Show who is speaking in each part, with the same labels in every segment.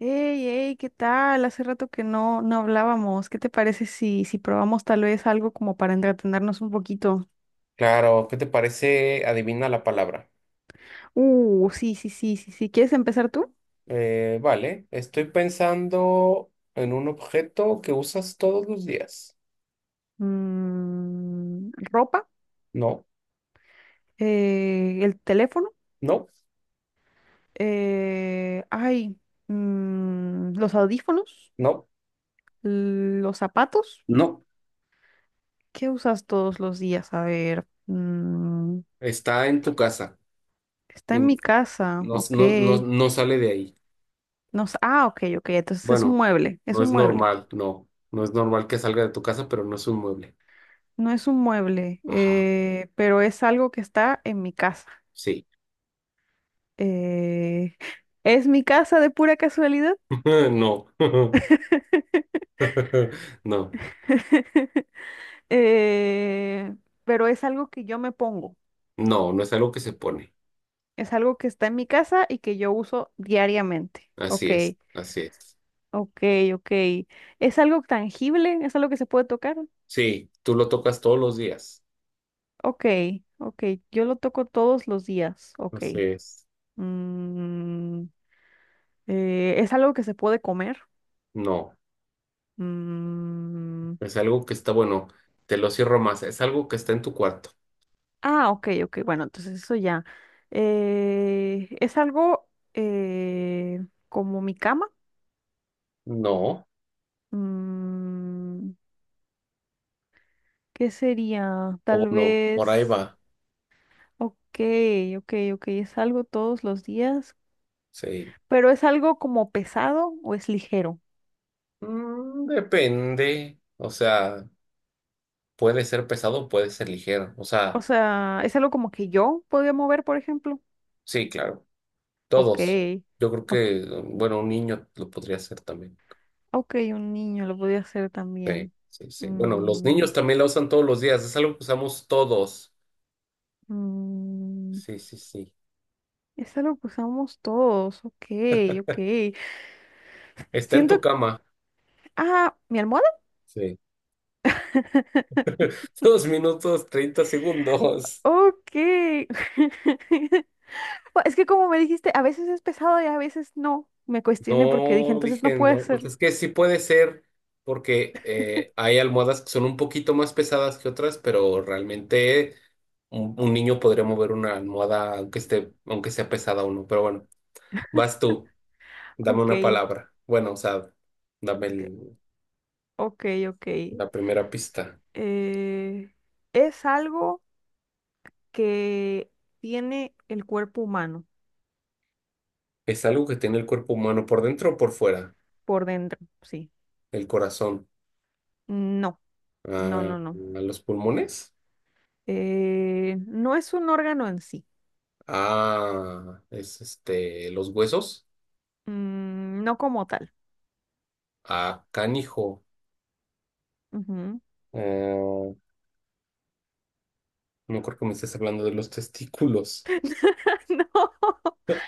Speaker 1: Hey, hey, ¿qué tal? Hace rato que no hablábamos. ¿Qué te parece si probamos tal vez algo como para entretenernos un poquito?
Speaker 2: Claro, ¿qué te parece? Adivina la palabra.
Speaker 1: Sí, sí, sí, sí, sí. ¿Quieres empezar tú?
Speaker 2: Vale, estoy pensando en un objeto que usas todos los días.
Speaker 1: Ropa,
Speaker 2: No,
Speaker 1: el teléfono,
Speaker 2: no,
Speaker 1: ay, los audífonos,
Speaker 2: no,
Speaker 1: los zapatos.
Speaker 2: no.
Speaker 1: ¿Qué usas todos los días? A ver,
Speaker 2: Está en tu casa.
Speaker 1: está en
Speaker 2: Mm,
Speaker 1: mi casa,
Speaker 2: no,
Speaker 1: ok.
Speaker 2: no, no, no sale de ahí.
Speaker 1: No, s- ah, ok, ok. Entonces es un
Speaker 2: Bueno,
Speaker 1: mueble, es
Speaker 2: no es
Speaker 1: un mueble.
Speaker 2: normal, no. No es normal que salga de tu casa, pero no es un mueble.
Speaker 1: No es un mueble,
Speaker 2: Ajá,
Speaker 1: pero es algo que está en mi casa.
Speaker 2: sí.
Speaker 1: Eh, ¿es mi casa de pura casualidad?
Speaker 2: No. No,
Speaker 1: Eh, pero es algo que yo me pongo.
Speaker 2: no, no es algo que se pone.
Speaker 1: Es algo que está en mi casa y que yo uso diariamente.
Speaker 2: Así
Speaker 1: Ok,
Speaker 2: es, así es.
Speaker 1: ok, ok. ¿Es algo tangible? ¿Es algo que se puede tocar?
Speaker 2: Sí, tú lo tocas todos los días.
Speaker 1: Ok, ok. Yo lo toco todos los días. Ok.
Speaker 2: Entonces,
Speaker 1: Mm, ¿Es algo que se puede comer?
Speaker 2: no,
Speaker 1: Mm.
Speaker 2: es algo que está, bueno, te lo cierro más, es algo que está en tu cuarto.
Speaker 1: Ah, ok, ok, bueno, entonces eso ya. Es algo eh, como mi cama.
Speaker 2: No,
Speaker 1: Mm, ¿Qué sería?
Speaker 2: o
Speaker 1: Tal
Speaker 2: no, por ahí
Speaker 1: vez,
Speaker 2: va.
Speaker 1: ok, ok, ok, es algo todos los días,
Speaker 2: Sí.
Speaker 1: pero es algo como pesado o es ligero.
Speaker 2: Depende, o sea, puede ser pesado, puede ser ligero, o
Speaker 1: O
Speaker 2: sea,
Speaker 1: sea, es algo como que yo podía mover, por ejemplo.
Speaker 2: sí, claro,
Speaker 1: Ok,
Speaker 2: todos. Yo creo
Speaker 1: o-
Speaker 2: que, bueno, un niño lo podría hacer también.
Speaker 1: ok, un niño lo podía hacer
Speaker 2: Sí,
Speaker 1: también.
Speaker 2: sí, sí. Bueno, los
Speaker 1: Mm,
Speaker 2: niños también la usan todos los días, es algo que usamos todos.
Speaker 1: mm,
Speaker 2: Sí, sí, sí.
Speaker 1: Esa lo usamos todos. Ok, ok.
Speaker 2: Está en tu
Speaker 1: Siento.
Speaker 2: cama.
Speaker 1: Ah, ¿mi almohada?
Speaker 2: Sí. 2 minutos, 30 segundos.
Speaker 1: Ok. Bueno, es que como me dijiste, a veces es pesado y a veces no. Me cuestioné porque dije,
Speaker 2: No,
Speaker 1: entonces no
Speaker 2: dije,
Speaker 1: puede
Speaker 2: no, pues
Speaker 1: ser.
Speaker 2: es que sí puede ser, porque hay almohadas que son un poquito más pesadas que otras, pero realmente un niño podría mover una almohada aunque esté, aunque sea pesada o no. Pero bueno, vas tú, dame
Speaker 1: Ok,
Speaker 2: una palabra. Bueno, o sea, dame
Speaker 1: ok, ok.
Speaker 2: la primera pista.
Speaker 1: Eh, es algo que tiene el cuerpo humano
Speaker 2: Es algo que tiene el cuerpo humano por dentro o por fuera,
Speaker 1: por dentro, sí.
Speaker 2: el corazón,
Speaker 1: No, no,
Speaker 2: ah,
Speaker 1: no, no.
Speaker 2: los pulmones,
Speaker 1: No es un órgano en sí.
Speaker 2: ah, es este, los huesos,
Speaker 1: Mm, no como tal.
Speaker 2: ah, canijo.
Speaker 1: Ujú.
Speaker 2: Ah, no creo que me estés hablando de los testículos.
Speaker 1: No,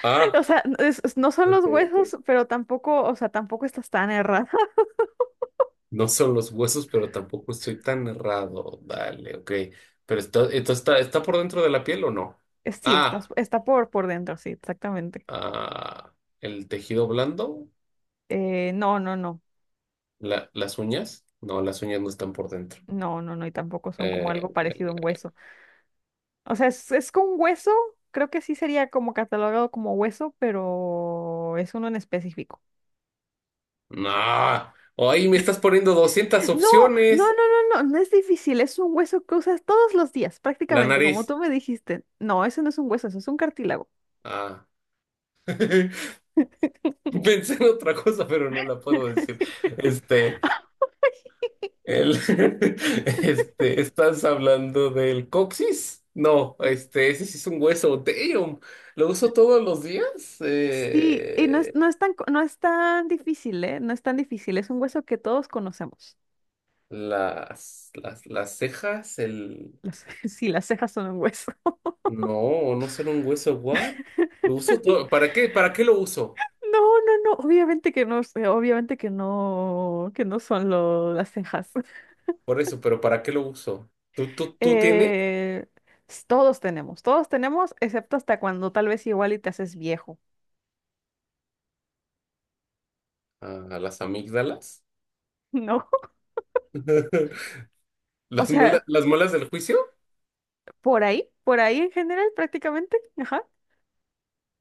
Speaker 2: Ah,
Speaker 1: o sea, no son
Speaker 2: ok,
Speaker 1: los
Speaker 2: ok.
Speaker 1: huesos, pero tampoco, o sea, tampoco estás tan errada.
Speaker 2: No son los huesos, pero tampoco estoy tan errado. Dale, ok. Pero está, esto está, ¿está por dentro de la piel o no?
Speaker 1: Sí, estás,
Speaker 2: Ah,
Speaker 1: está por dentro, sí, exactamente.
Speaker 2: ah, el tejido blando,
Speaker 1: No, no, no,
Speaker 2: las uñas. No, las uñas no están por dentro.
Speaker 1: no, no, no, y tampoco son como algo
Speaker 2: Eh,
Speaker 1: parecido a un hueso. O sea, es con hueso, creo que sí sería como catalogado como hueso, pero es uno en específico.
Speaker 2: no. Ay, me estás poniendo 200
Speaker 1: No, no, no,
Speaker 2: opciones.
Speaker 1: no, no, no es difícil, es un hueso que usas todos los días,
Speaker 2: La
Speaker 1: prácticamente, como
Speaker 2: nariz.
Speaker 1: tú me dijiste. No, eso no es un hueso, eso es un cartílago.
Speaker 2: Ah. Pensé en otra cosa, pero no la puedo decir. Este. El, este, ¿estás hablando del coxis? No, este, ese sí es un hueso. Damn, lo uso todos los días.
Speaker 1: Sí, no es tan, no es tan difícil, ¿eh? No es tan difícil. Es un hueso que todos conocemos.
Speaker 2: Las cejas, el...
Speaker 1: Sí, las cejas son un hueso.
Speaker 2: No, no son un hueso. What? Lo uso todo. ¿Para qué? ¿Para qué lo uso?
Speaker 1: No, no, no. Obviamente que no, sé, obviamente que no son las cejas.
Speaker 2: Por eso, pero ¿para qué lo uso? ¿Tú tienes?
Speaker 1: Eh, todos tenemos, excepto hasta cuando tal vez igual y te haces viejo,
Speaker 2: Ah, las amígdalas.
Speaker 1: ¿no? O sea,
Speaker 2: Las muelas del juicio.
Speaker 1: por ahí en general prácticamente, ajá.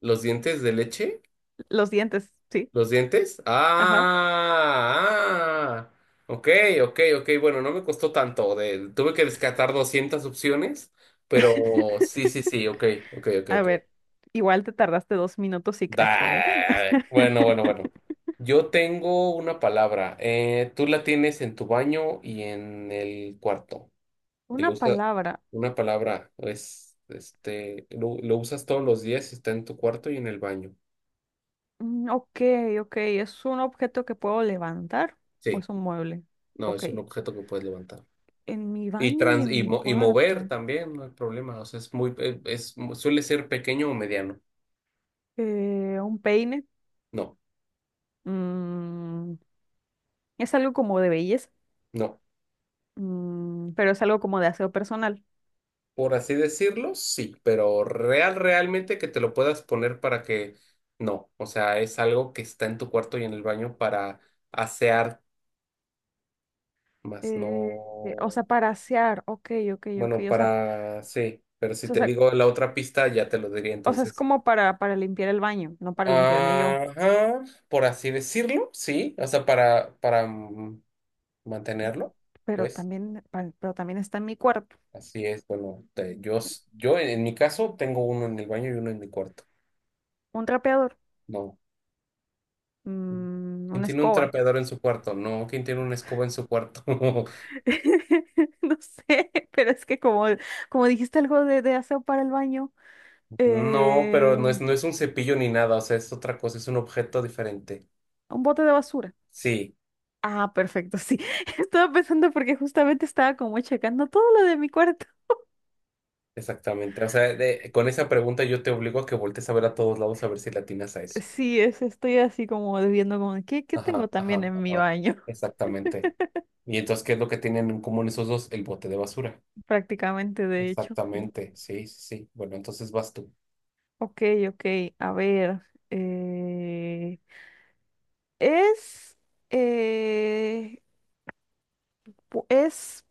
Speaker 2: Los dientes de leche.
Speaker 1: Los dientes, sí,
Speaker 2: ¿Los dientes?
Speaker 1: ajá.
Speaker 2: Ah, ah. Ok, ok, ok. Bueno, no me costó tanto. Tuve que descartar 200 opciones, pero sí, sí, sí. Ok, ok, ok,
Speaker 1: A
Speaker 2: ok.
Speaker 1: ver, igual te tardaste 2 minutos y cacho, ¿eh?
Speaker 2: Bueno, bueno, bueno. Yo tengo una palabra. Tú la tienes en tu baño y en el cuarto. Y lo
Speaker 1: Una
Speaker 2: usas,
Speaker 1: palabra.
Speaker 2: una palabra, es, este, lo usas todos los días y está en tu cuarto y en el baño.
Speaker 1: Mm. Ok, ok. ¿Es un objeto que puedo levantar o
Speaker 2: Sí,
Speaker 1: es un mueble?
Speaker 2: no,
Speaker 1: Ok.
Speaker 2: es un objeto que puedes levantar.
Speaker 1: En mi
Speaker 2: Y,
Speaker 1: baño y
Speaker 2: trans,
Speaker 1: en
Speaker 2: y,
Speaker 1: mi
Speaker 2: mo- y mover
Speaker 1: cuarto.
Speaker 2: también, no hay problema. O sea, es muy, es, suele ser pequeño o mediano.
Speaker 1: Un peine.
Speaker 2: No,
Speaker 1: Mm, es algo como de belleza.
Speaker 2: no.
Speaker 1: Mm, pero es algo como de aseo personal.
Speaker 2: Por así decirlo, sí, pero realmente que te lo puedas poner para que no. O sea, es algo que está en tu cuarto y en el baño para asear, más
Speaker 1: Eh, o
Speaker 2: no.
Speaker 1: sea, para asear. Ok, ok, ok.
Speaker 2: Bueno, para sí, pero si
Speaker 1: O
Speaker 2: te
Speaker 1: sea,
Speaker 2: digo la otra pista, ya te lo diría
Speaker 1: o sea, es
Speaker 2: entonces.
Speaker 1: como para limpiar el baño, no para limpiarme yo.
Speaker 2: Ajá, por así decirlo, sí. O sea, para mantenerlo,
Speaker 1: Pero
Speaker 2: pues.
Speaker 1: también, pero también está en mi cuarto.
Speaker 2: Así es, bueno, yo en mi caso tengo uno en el baño y uno en mi cuarto.
Speaker 1: Un trapeador.
Speaker 2: No.
Speaker 1: Mm,
Speaker 2: ¿Quién
Speaker 1: una
Speaker 2: tiene un
Speaker 1: escoba.
Speaker 2: trapeador en su cuarto? No. ¿Quién tiene una escoba en su cuarto?
Speaker 1: No sé, pero es que como dijiste algo de aseo para el baño,
Speaker 2: No, pero no es,
Speaker 1: eh,
Speaker 2: no es un cepillo ni nada, o sea, es otra cosa, es un objeto diferente.
Speaker 1: un bote de basura.
Speaker 2: Sí,
Speaker 1: Ah, perfecto, sí. Estaba pensando porque justamente estaba como checando todo lo de mi cuarto.
Speaker 2: exactamente. O sea, con esa pregunta yo te obligo a que voltees a ver a todos lados a ver si le atinas a eso.
Speaker 1: Sí, estoy así como viendo como, ¿qué
Speaker 2: Ajá,
Speaker 1: tengo también
Speaker 2: ajá,
Speaker 1: en mi
Speaker 2: ajá.
Speaker 1: baño?
Speaker 2: Exactamente. Y entonces, ¿qué es lo que tienen en común esos dos? El bote de basura.
Speaker 1: Prácticamente, de hecho, sí.
Speaker 2: Exactamente, sí, sí, sí. Bueno, entonces vas tú.
Speaker 1: Ok, ok, a ver. eh, es, eh, es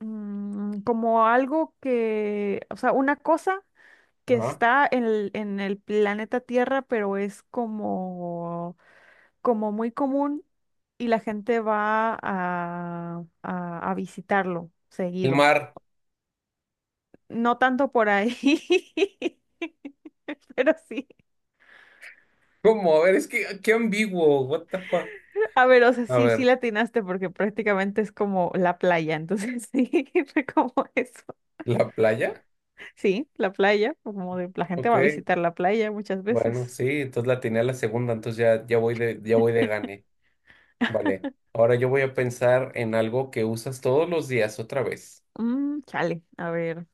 Speaker 1: como algo que, o sea, una cosa que
Speaker 2: Ajá.
Speaker 1: está en el planeta Tierra, pero es como, como muy común y la gente va a visitarlo
Speaker 2: El
Speaker 1: seguido.
Speaker 2: mar.
Speaker 1: No tanto por ahí, pero sí.
Speaker 2: ¿Cómo? A ver, es que qué ambiguo. What the fuck?
Speaker 1: A ver, o sea,
Speaker 2: A
Speaker 1: sí
Speaker 2: ver,
Speaker 1: latinaste porque prácticamente es como la playa, entonces sí, fue como eso.
Speaker 2: ¿la playa?
Speaker 1: Sí, la playa, como de, la gente
Speaker 2: Ok,
Speaker 1: va a visitar la playa muchas
Speaker 2: bueno,
Speaker 1: veces.
Speaker 2: sí, entonces la tenía la segunda, entonces ya, ya voy de gane. Vale. Ahora yo voy a pensar en algo que usas todos los días otra vez.
Speaker 1: Mm, chale, a ver.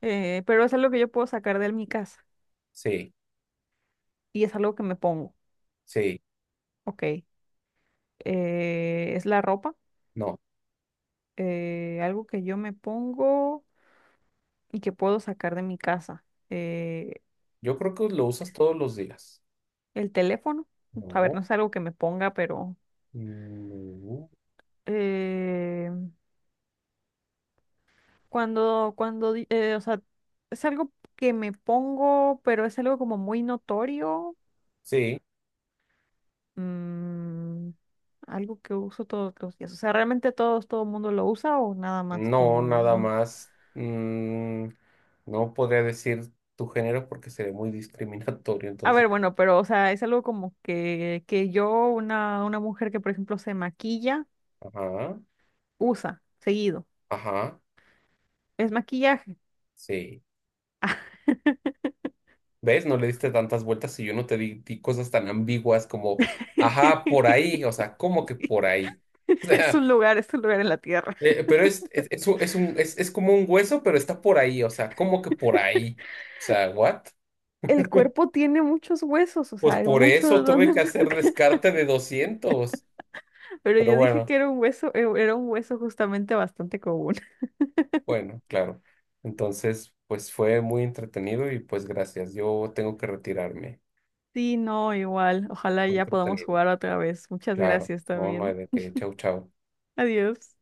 Speaker 1: Pero es algo que yo puedo sacar de mi casa
Speaker 2: Sí,
Speaker 1: y es algo que me pongo.
Speaker 2: sí,
Speaker 1: Ok. Es la ropa,
Speaker 2: no.
Speaker 1: algo que yo me pongo y que puedo sacar de mi casa. Eh,
Speaker 2: Yo creo que lo usas todos los días.
Speaker 1: el teléfono, a ver, no
Speaker 2: No.
Speaker 1: es algo que me ponga, pero
Speaker 2: No.
Speaker 1: eh, o sea, es algo que me pongo, pero es algo como muy notorio.
Speaker 2: Sí,
Speaker 1: Mm, algo que uso todos los días. O sea, ¿realmente todos, todo el mundo lo usa o nada más
Speaker 2: no,
Speaker 1: como
Speaker 2: nada
Speaker 1: un...
Speaker 2: más. No podría decir tu género porque sería muy discriminatorio,
Speaker 1: A
Speaker 2: entonces.
Speaker 1: ver, bueno, pero o sea, es algo como que yo, una mujer que por ejemplo se maquilla,
Speaker 2: Ajá,
Speaker 1: usa seguido.
Speaker 2: ajá.
Speaker 1: Es maquillaje.
Speaker 2: Sí. ¿Ves? No le diste tantas vueltas y yo no te di cosas tan ambiguas como, ajá, por ahí, o sea, ¿cómo que por ahí? O sea,
Speaker 1: Es un lugar en la tierra.
Speaker 2: pero es como un hueso, pero está por ahí, o sea, ¿cómo que por ahí? O sea, ¿what?
Speaker 1: El cuerpo tiene muchos huesos, o sea,
Speaker 2: Pues
Speaker 1: hay
Speaker 2: por
Speaker 1: mucho de
Speaker 2: eso tuve
Speaker 1: donde
Speaker 2: que hacer
Speaker 1: buscar.
Speaker 2: descarte de 200,
Speaker 1: Pero
Speaker 2: pero
Speaker 1: yo dije
Speaker 2: bueno,
Speaker 1: que era un hueso justamente bastante común.
Speaker 2: bueno, claro. Entonces, pues fue muy entretenido y pues gracias, yo tengo que retirarme.
Speaker 1: Sí, no, igual. Ojalá
Speaker 2: Fue
Speaker 1: ya podamos
Speaker 2: entretenido,
Speaker 1: jugar otra vez. Muchas
Speaker 2: claro.
Speaker 1: gracias
Speaker 2: No, no hay
Speaker 1: también.
Speaker 2: de qué. Chau, chau.
Speaker 1: Adiós.